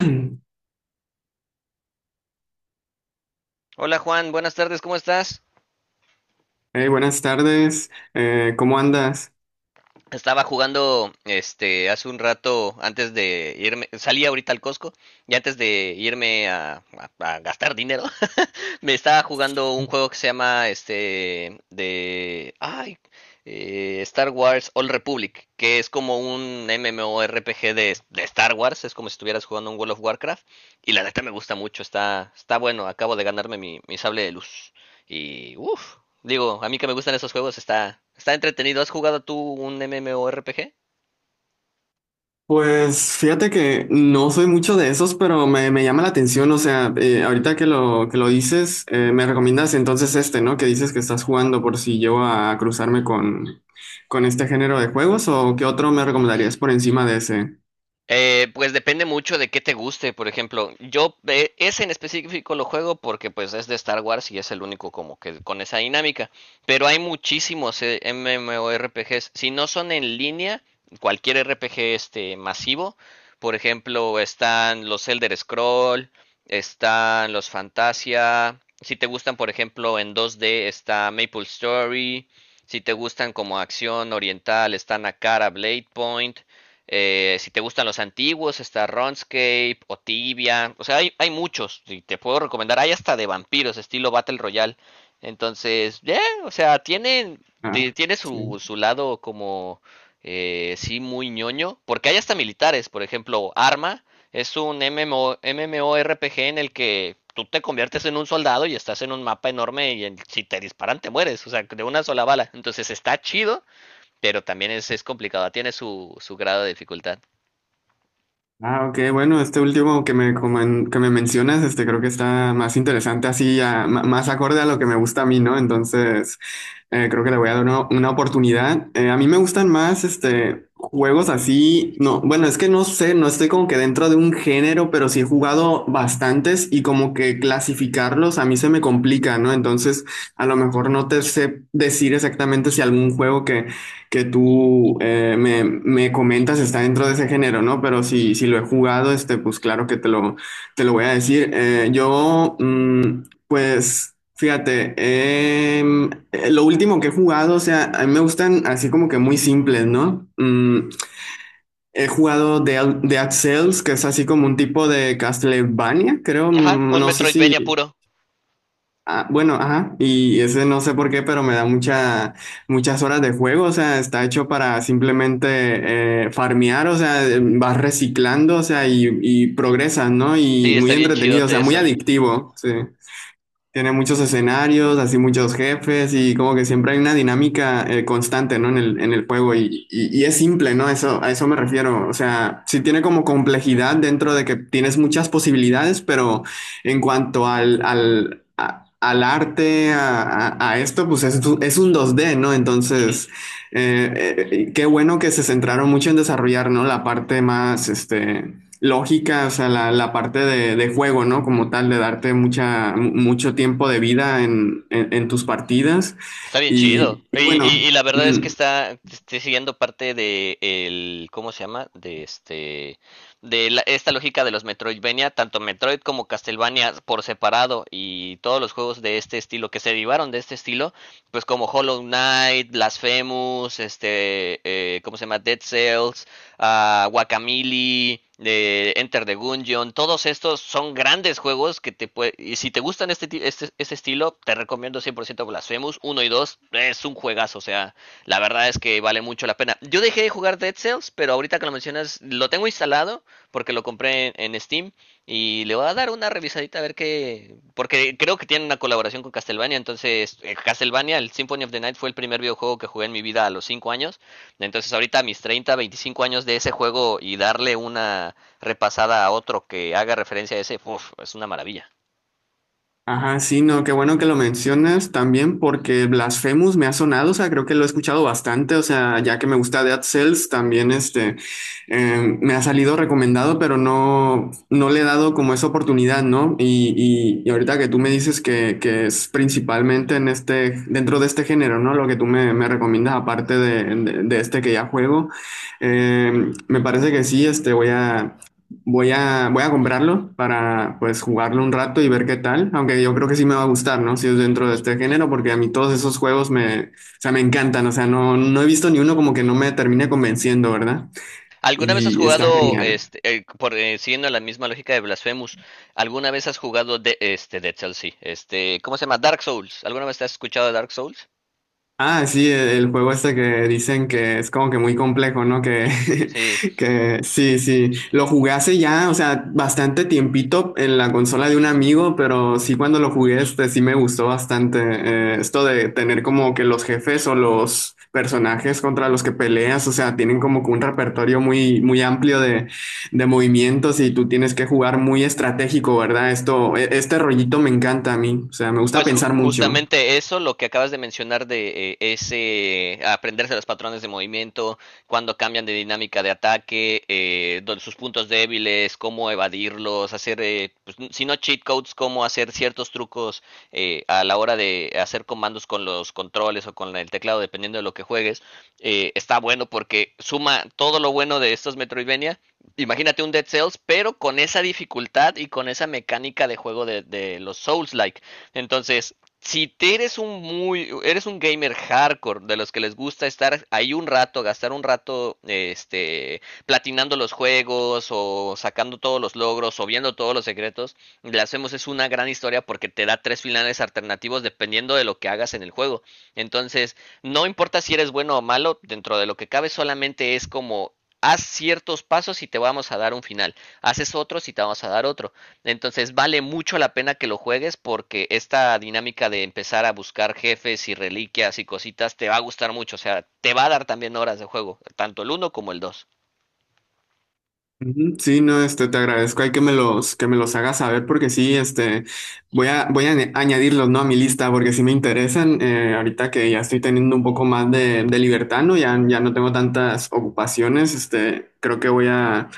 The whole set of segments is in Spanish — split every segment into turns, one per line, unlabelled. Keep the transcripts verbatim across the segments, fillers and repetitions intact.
Hey,
Hola Juan, buenas tardes, ¿cómo estás?
buenas tardes, eh, ¿cómo andas?
Estaba jugando este hace un rato antes de irme, salí ahorita al Costco y antes de irme a, a- a gastar dinero. Me estaba jugando un juego que se llama este de ay, eh, Star Wars Old Republic, que es como un MMORPG de, de Star Wars, es como si estuvieras jugando un World of Warcraft, y la neta me gusta mucho, está, está bueno, acabo de ganarme mi, mi sable de luz. Y uff, digo, a mí que me gustan esos juegos, está, está entretenido. ¿Has jugado tú un MMORPG?
Pues fíjate que no soy mucho de esos, pero me, me llama la atención, o sea, eh, ahorita que lo, que lo dices, eh, me recomiendas entonces este, ¿no? Que dices que estás jugando por si llego a cruzarme con, con este género de juegos, ¿o qué otro me recomendarías por encima de ese?
Eh, pues depende mucho de qué te guste, por ejemplo, yo eh, ese en específico lo juego porque pues es de Star Wars y es el único como que con esa dinámica, pero hay muchísimos eh, MMORPGs, si no son en línea, cualquier R P G este masivo, por ejemplo, están los Elder Scroll, están los Fantasia, si te gustan por ejemplo en dos D está Maple Story, si te gustan como acción oriental están Akara Blade Point, eh, si te gustan los antiguos, está Runescape o Tibia. O sea, hay, hay muchos. Y te puedo recomendar. Hay hasta de vampiros, estilo Battle Royale. Entonces, yeah, o sea, tiene,
Ah,
ti- tiene su,
sí.
su lado como, eh, sí, muy ñoño. Porque hay hasta militares. Por ejemplo, Arma es un M M O, MMORPG en el que tú te conviertes en un soldado y estás en un mapa enorme y en- si te disparan te mueres. O sea, de una sola bala. Entonces está chido, pero también es, es complicado, tiene su, su grado de dificultad.
Ah, ok, bueno, este último que me, comen- que me mencionas, este creo que está más interesante, así, a- ma- más acorde a lo que me gusta a mí, ¿no? Entonces, eh, creo que le voy a dar una, una oportunidad. Eh, a mí me gustan más, este, juegos así, no, bueno, es que no sé, no estoy como que dentro de un género, pero sí he jugado bastantes y como que clasificarlos a mí se me complica, ¿no? Entonces, a lo mejor no te sé decir exactamente si algún juego que que tú eh, me, me comentas está dentro de ese género, ¿no? Pero si, si lo he jugado, este, pues claro que te lo, te lo voy a decir. Eh, yo, mm, pues, fíjate, em, eh, lo último que he jugado, o sea, a mí me gustan así como que muy simples, ¿no? Mm, he jugado Dead, Dead Cells, que es así como un tipo de Castlevania, creo,
Ajá,
mm,
un
no sé si.
Metroidvania puro.
Ah, bueno, ajá, y ese no sé por qué, pero me da mucha, muchas horas de juego, o sea, está hecho para simplemente eh, farmear, o sea, eh, vas reciclando, o sea, y, y progresas, ¿no? Y
Sí,
muy
está bien
entretenido, o
chidote
sea, muy
eso.
adictivo, sí. Tiene muchos escenarios, así muchos jefes y como que siempre hay una dinámica eh, constante, ¿no? En el, en el juego y, y- y es simple, ¿no? Eso, a eso me refiero. O sea, sí tiene como complejidad dentro de que tienes muchas posibilidades, pero en cuanto al, al, a- al arte, a, a- a esto, pues es, tu- es un dos d, ¿no?
Ujú.
Entonces, eh, eh, qué bueno que se centraron mucho en desarrollar, ¿no? La parte más, este, lógica, o sea, la, la parte de, de juego, ¿no? Como tal, de darte mucha, mu- mucho tiempo de vida en, en- en tus partidas.
Está bien chido.
Y, y
Y, y- y
bueno,
la verdad es
mm.
que está estoy siguiendo parte de el, ¿cómo se llama? De este de la- esta lógica de los Metroidvania, tanto Metroid como Castlevania por separado y todos los juegos de este estilo que se derivaron de este estilo, pues como Hollow Knight, Blasphemous, este, eh, ¿cómo se llama? Dead Cells, a Guacamili, de Enter the Gungeon, todos estos son grandes juegos que te puede, y si te gustan este, este, este estilo, te recomiendo cien por ciento Blasphemous uno y dos, es un juegazo, o sea, la verdad es que vale mucho la pena. Yo dejé de jugar Dead Cells, pero ahorita que lo mencionas, lo tengo instalado porque lo compré en, en Steam y le voy a dar una revisadita a ver qué, porque creo que tiene una colaboración con Castlevania. Entonces eh, Castlevania, el Symphony of the Night fue el primer videojuego que jugué en mi vida a los cinco años, entonces ahorita a mis treinta, veinticinco años de ese juego y darle una repasada a otro que haga referencia a ese, uf, es una maravilla.
Ajá, sí, no, qué bueno que lo mencionas también porque Blasphemous me ha sonado, o sea, creo que lo he escuchado bastante, o sea, ya que me gusta Dead Cells, también este, eh, me ha salido recomendado, pero no, no le he dado como esa oportunidad, ¿no? Y, y, y ahorita que tú me dices que, que es principalmente en este, dentro de este género, ¿no? Lo que tú me, me recomiendas, aparte de, de- de este que ya juego, eh, me parece que sí, este, voy a... Voy a, voy a comprarlo para pues jugarlo un rato y ver qué tal, aunque yo creo que sí me va a gustar, ¿no? Si es dentro de este género, porque a mí todos esos juegos me, o sea, me encantan, o sea, no, no he visto ni uno como que no me termine convenciendo, ¿verdad?
¿Alguna vez has
Y está
jugado,
genial.
este, eh, por, eh, siguiendo la misma lógica de Blasphemous, alguna vez has jugado de, este, Dead Cells, sí, este, ¿cómo se llama? Dark Souls. ¿Alguna vez te has escuchado de Dark Souls?
Ah, sí, el el juego este que dicen que es como que muy complejo, ¿no? Que
Sí.
que sí, sí. Lo jugué hace ya, o sea, bastante tiempito en la consola de un amigo, pero sí cuando lo jugué este sí me gustó bastante. Eh, esto de tener como que los jefes o los personajes contra los que peleas, o sea, tienen como que un repertorio muy, muy amplio de, de movimientos y tú tienes que jugar muy estratégico, ¿verdad? Esto, e- este rollito me encanta a mí, o sea, me gusta
Pues ju-
pensar mucho.
justamente eso, lo que acabas de mencionar de eh, ese aprenderse los patrones de movimiento, cuando cambian de dinámica de ataque, eh, don- sus puntos débiles, cómo evadirlos, hacer, eh, pues, si no cheat codes, cómo hacer ciertos trucos eh, a la hora de hacer comandos con los controles o con el teclado, dependiendo de lo que juegues. Eh, está bueno porque suma todo lo bueno de estos Metroidvania. Imagínate un Dead Cells, pero con esa dificultad y con esa mecánica de juego de, de los Souls-like. Entonces, si te eres un muy, eres un gamer hardcore, de los que les gusta estar ahí un rato, gastar un rato, este, platinando los juegos o sacando todos los logros o viendo todos los secretos, le hacemos, es una gran historia porque te da tres finales alternativos dependiendo de lo que hagas en el juego. Entonces, no importa si eres bueno o malo, dentro de lo que cabe solamente es como haz ciertos pasos y te vamos a dar un final, haces otros y te vamos a dar otro. Entonces vale mucho la pena que lo juegues, porque esta dinámica de empezar a buscar jefes y reliquias y cositas te va a gustar mucho. O sea, te va a dar también horas de juego, tanto el uno como el dos.
Ujú. Sí, no, este, te agradezco, hay que me los, que me los hagas saber porque sí, este, voy a, voy a añ- añadirlos, ¿no? A mi lista porque sí me interesan, eh, ahorita que ya estoy teniendo un poco más de, de libertad, ¿no? Ya, ya no tengo tantas ocupaciones, este, creo que voy a...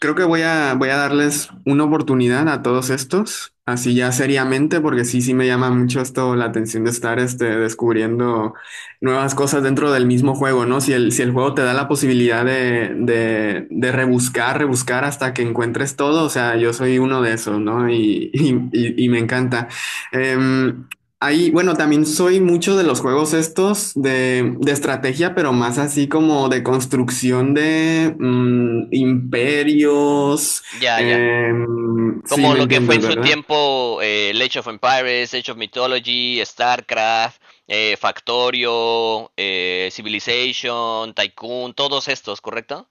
Creo que voy a, voy a darles una oportunidad a todos estos, así ya seriamente, porque sí, sí me llama mucho esto la atención de estar este, descubriendo nuevas cosas dentro del mismo juego, ¿no? Si el, si el juego te da la posibilidad de, de, de rebuscar, rebuscar hasta que encuentres todo, o sea, yo soy uno de esos, ¿no? Y, y, y- y me encanta. Em, Ahí, bueno, también soy mucho de los juegos estos de, de estrategia, pero más así como de construcción de mm, imperios.
Ya, ya.
Em, sí,
Como
me
lo que fue
entiendes,
en su
¿verdad?
tiempo eh, Age of Empires, Age of Mythology, StarCraft, eh, Factorio, eh, Civilization, Tycoon, todos estos, ¿correcto?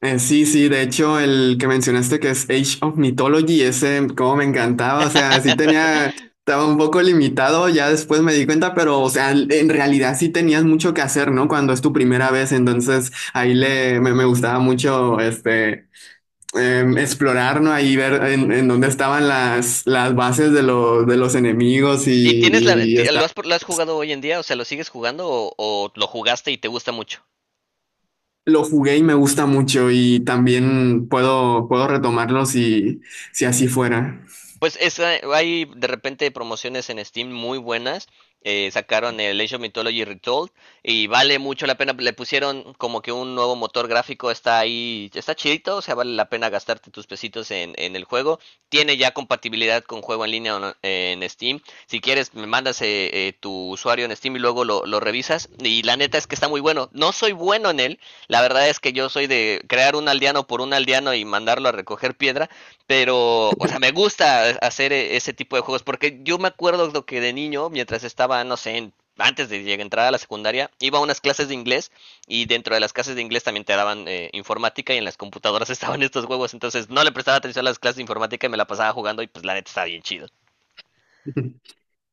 Eh, sí, sí, de hecho, el que mencionaste que es Age of Mythology, ese como me encantaba, o sea, sí tenía, estaba un poco limitado, ya después me di cuenta, pero, o sea, en realidad sí tenías mucho que hacer, ¿no? Cuando es tu primera vez, entonces ahí le, me, me gustaba mucho, este, em, explorar, ¿no? Ahí ver en, en dónde estaban las, las bases de, lo- de los enemigos
¿Y
y,
tienes la,
y está.
lo, has, lo has jugado hoy en día? O sea, ¿lo sigues jugando o, o lo jugaste y te gusta mucho?
Lo jugué y me gusta mucho y también puedo, puedo retomarlo si, si así fuera.
Pues es, eh, hay de repente promociones en Steam muy buenas. Eh, sacaron el Age of Mythology Retold y vale mucho la pena. Le pusieron como que un nuevo motor gráfico. Está ahí, está chidito. O sea, vale la pena gastarte tus pesitos en, en, el juego. Tiene ya compatibilidad con juego en línea o no- en Steam. Si quieres, me mandas eh, eh, tu usuario en Steam y luego lo, lo revisas. Y la neta es que está muy bueno. No soy bueno en él. La verdad es que yo soy de crear un aldeano por un aldeano y mandarlo a recoger piedra, pero, o sea, me gusta e-, hacer e-, ese tipo de juegos, porque yo me acuerdo lo que de niño, mientras estaba, no sé, en- antes de llegar- entrar a la secundaria, iba a unas clases de inglés y dentro de las clases de inglés también te daban eh, informática, y en las computadoras estaban estos juegos. Entonces no le prestaba atención a las clases de informática y me la pasaba jugando, y pues la neta estaba bien chido.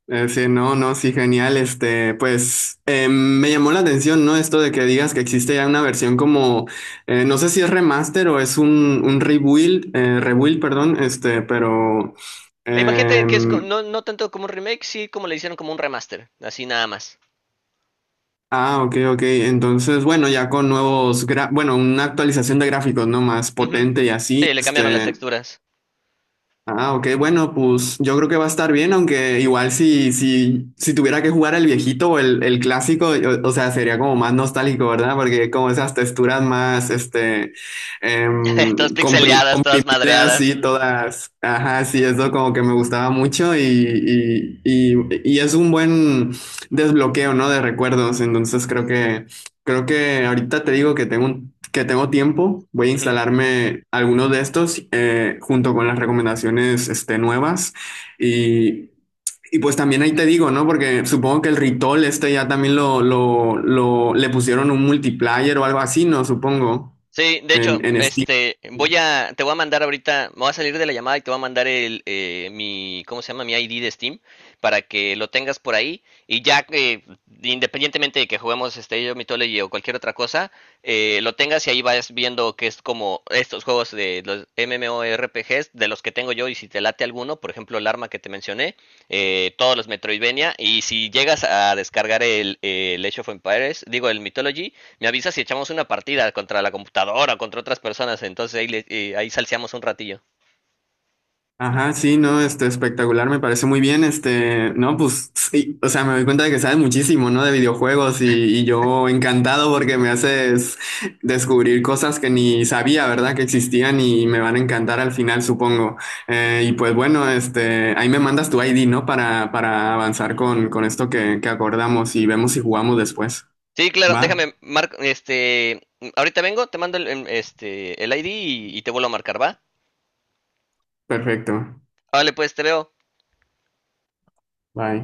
Eh, sí, no, no, sí, genial. Este, pues em, me llamó la atención, ¿no? Esto de que digas que existe ya una versión como, eh, no sé si es remaster o es un, un rebuild, eh, rebuild, perdón, este, pero...
E imagínate que es co-
Em.
no, no tanto como un remake, sí como le hicieron como un remaster, así nada más.
Ah, ok, ok. Entonces, bueno, ya con nuevos, gra- bueno, una actualización de gráficos, ¿no? Más
Ujú.
potente y así.
Sí, le cambiaron las
Este,
texturas.
ah, ok, bueno, pues yo creo que va a estar bien, aunque igual si, si, si tuviera que jugar el viejito o el, el clásico, o, o sea, sería como más nostálgico, ¿verdad? Porque como esas texturas más, este, eh.
Todas pixeleadas, todas madreadas.
Sí, todas. Ajá, sí, eso como que me gustaba mucho y, y, y, y es un buen desbloqueo, ¿no? De recuerdos. Entonces creo que, creo que ahorita te digo que tengo un- que tengo tiempo. Voy a
Ujú.
instalarme algunos de estos eh, junto con las recomendaciones este, nuevas. Y, y pues también ahí te digo, ¿no? Porque supongo que el Ritol este ya también lo, lo, lo- le pusieron un multiplayer o algo así, ¿no? Supongo.
Sí, de hecho,
En, en Steam.
este, voy a, te voy a mandar ahorita, me voy a salir de la llamada y te voy a mandar el, eh, mi, ¿cómo se llama? Mi I D de Steam, para que lo tengas por ahí. Y ya que, independientemente de que juguemos este yo Mythology o cualquier otra cosa, eh, lo tengas, y ahí vas viendo que es como estos juegos de los MMORPGs de los que tengo yo, y si te late alguno, por ejemplo el arma que te mencioné, eh, todos los Metroidvania. Y si llegas a descargar el, el Age of Empires, digo el Mythology, me avisa si echamos una partida contra la computadora o contra otras personas. Entonces ahí, le- eh, ahí salseamos un ratillo.
Ajá, sí, no, este, espectacular, me parece muy bien, este, no, pues, sí, o sea, me doy cuenta de que sabes muchísimo, ¿no? De videojuegos y, y yo encantado porque me haces descubrir cosas que ni sabía, ¿verdad? Que existían y me van a encantar al final, supongo. Eh, y pues bueno, este, ahí me mandas tu I D, ¿no? Para, para avanzar con, con esto que, que acordamos y vemos si jugamos después.
Sí, claro,
¿Va?
déjame, Marco, este, ahorita vengo, te mando el, em, este, el I D, y, y te vuelvo a marcar, ¿va?
Perfecto.
Vale, pues te veo.
Bye.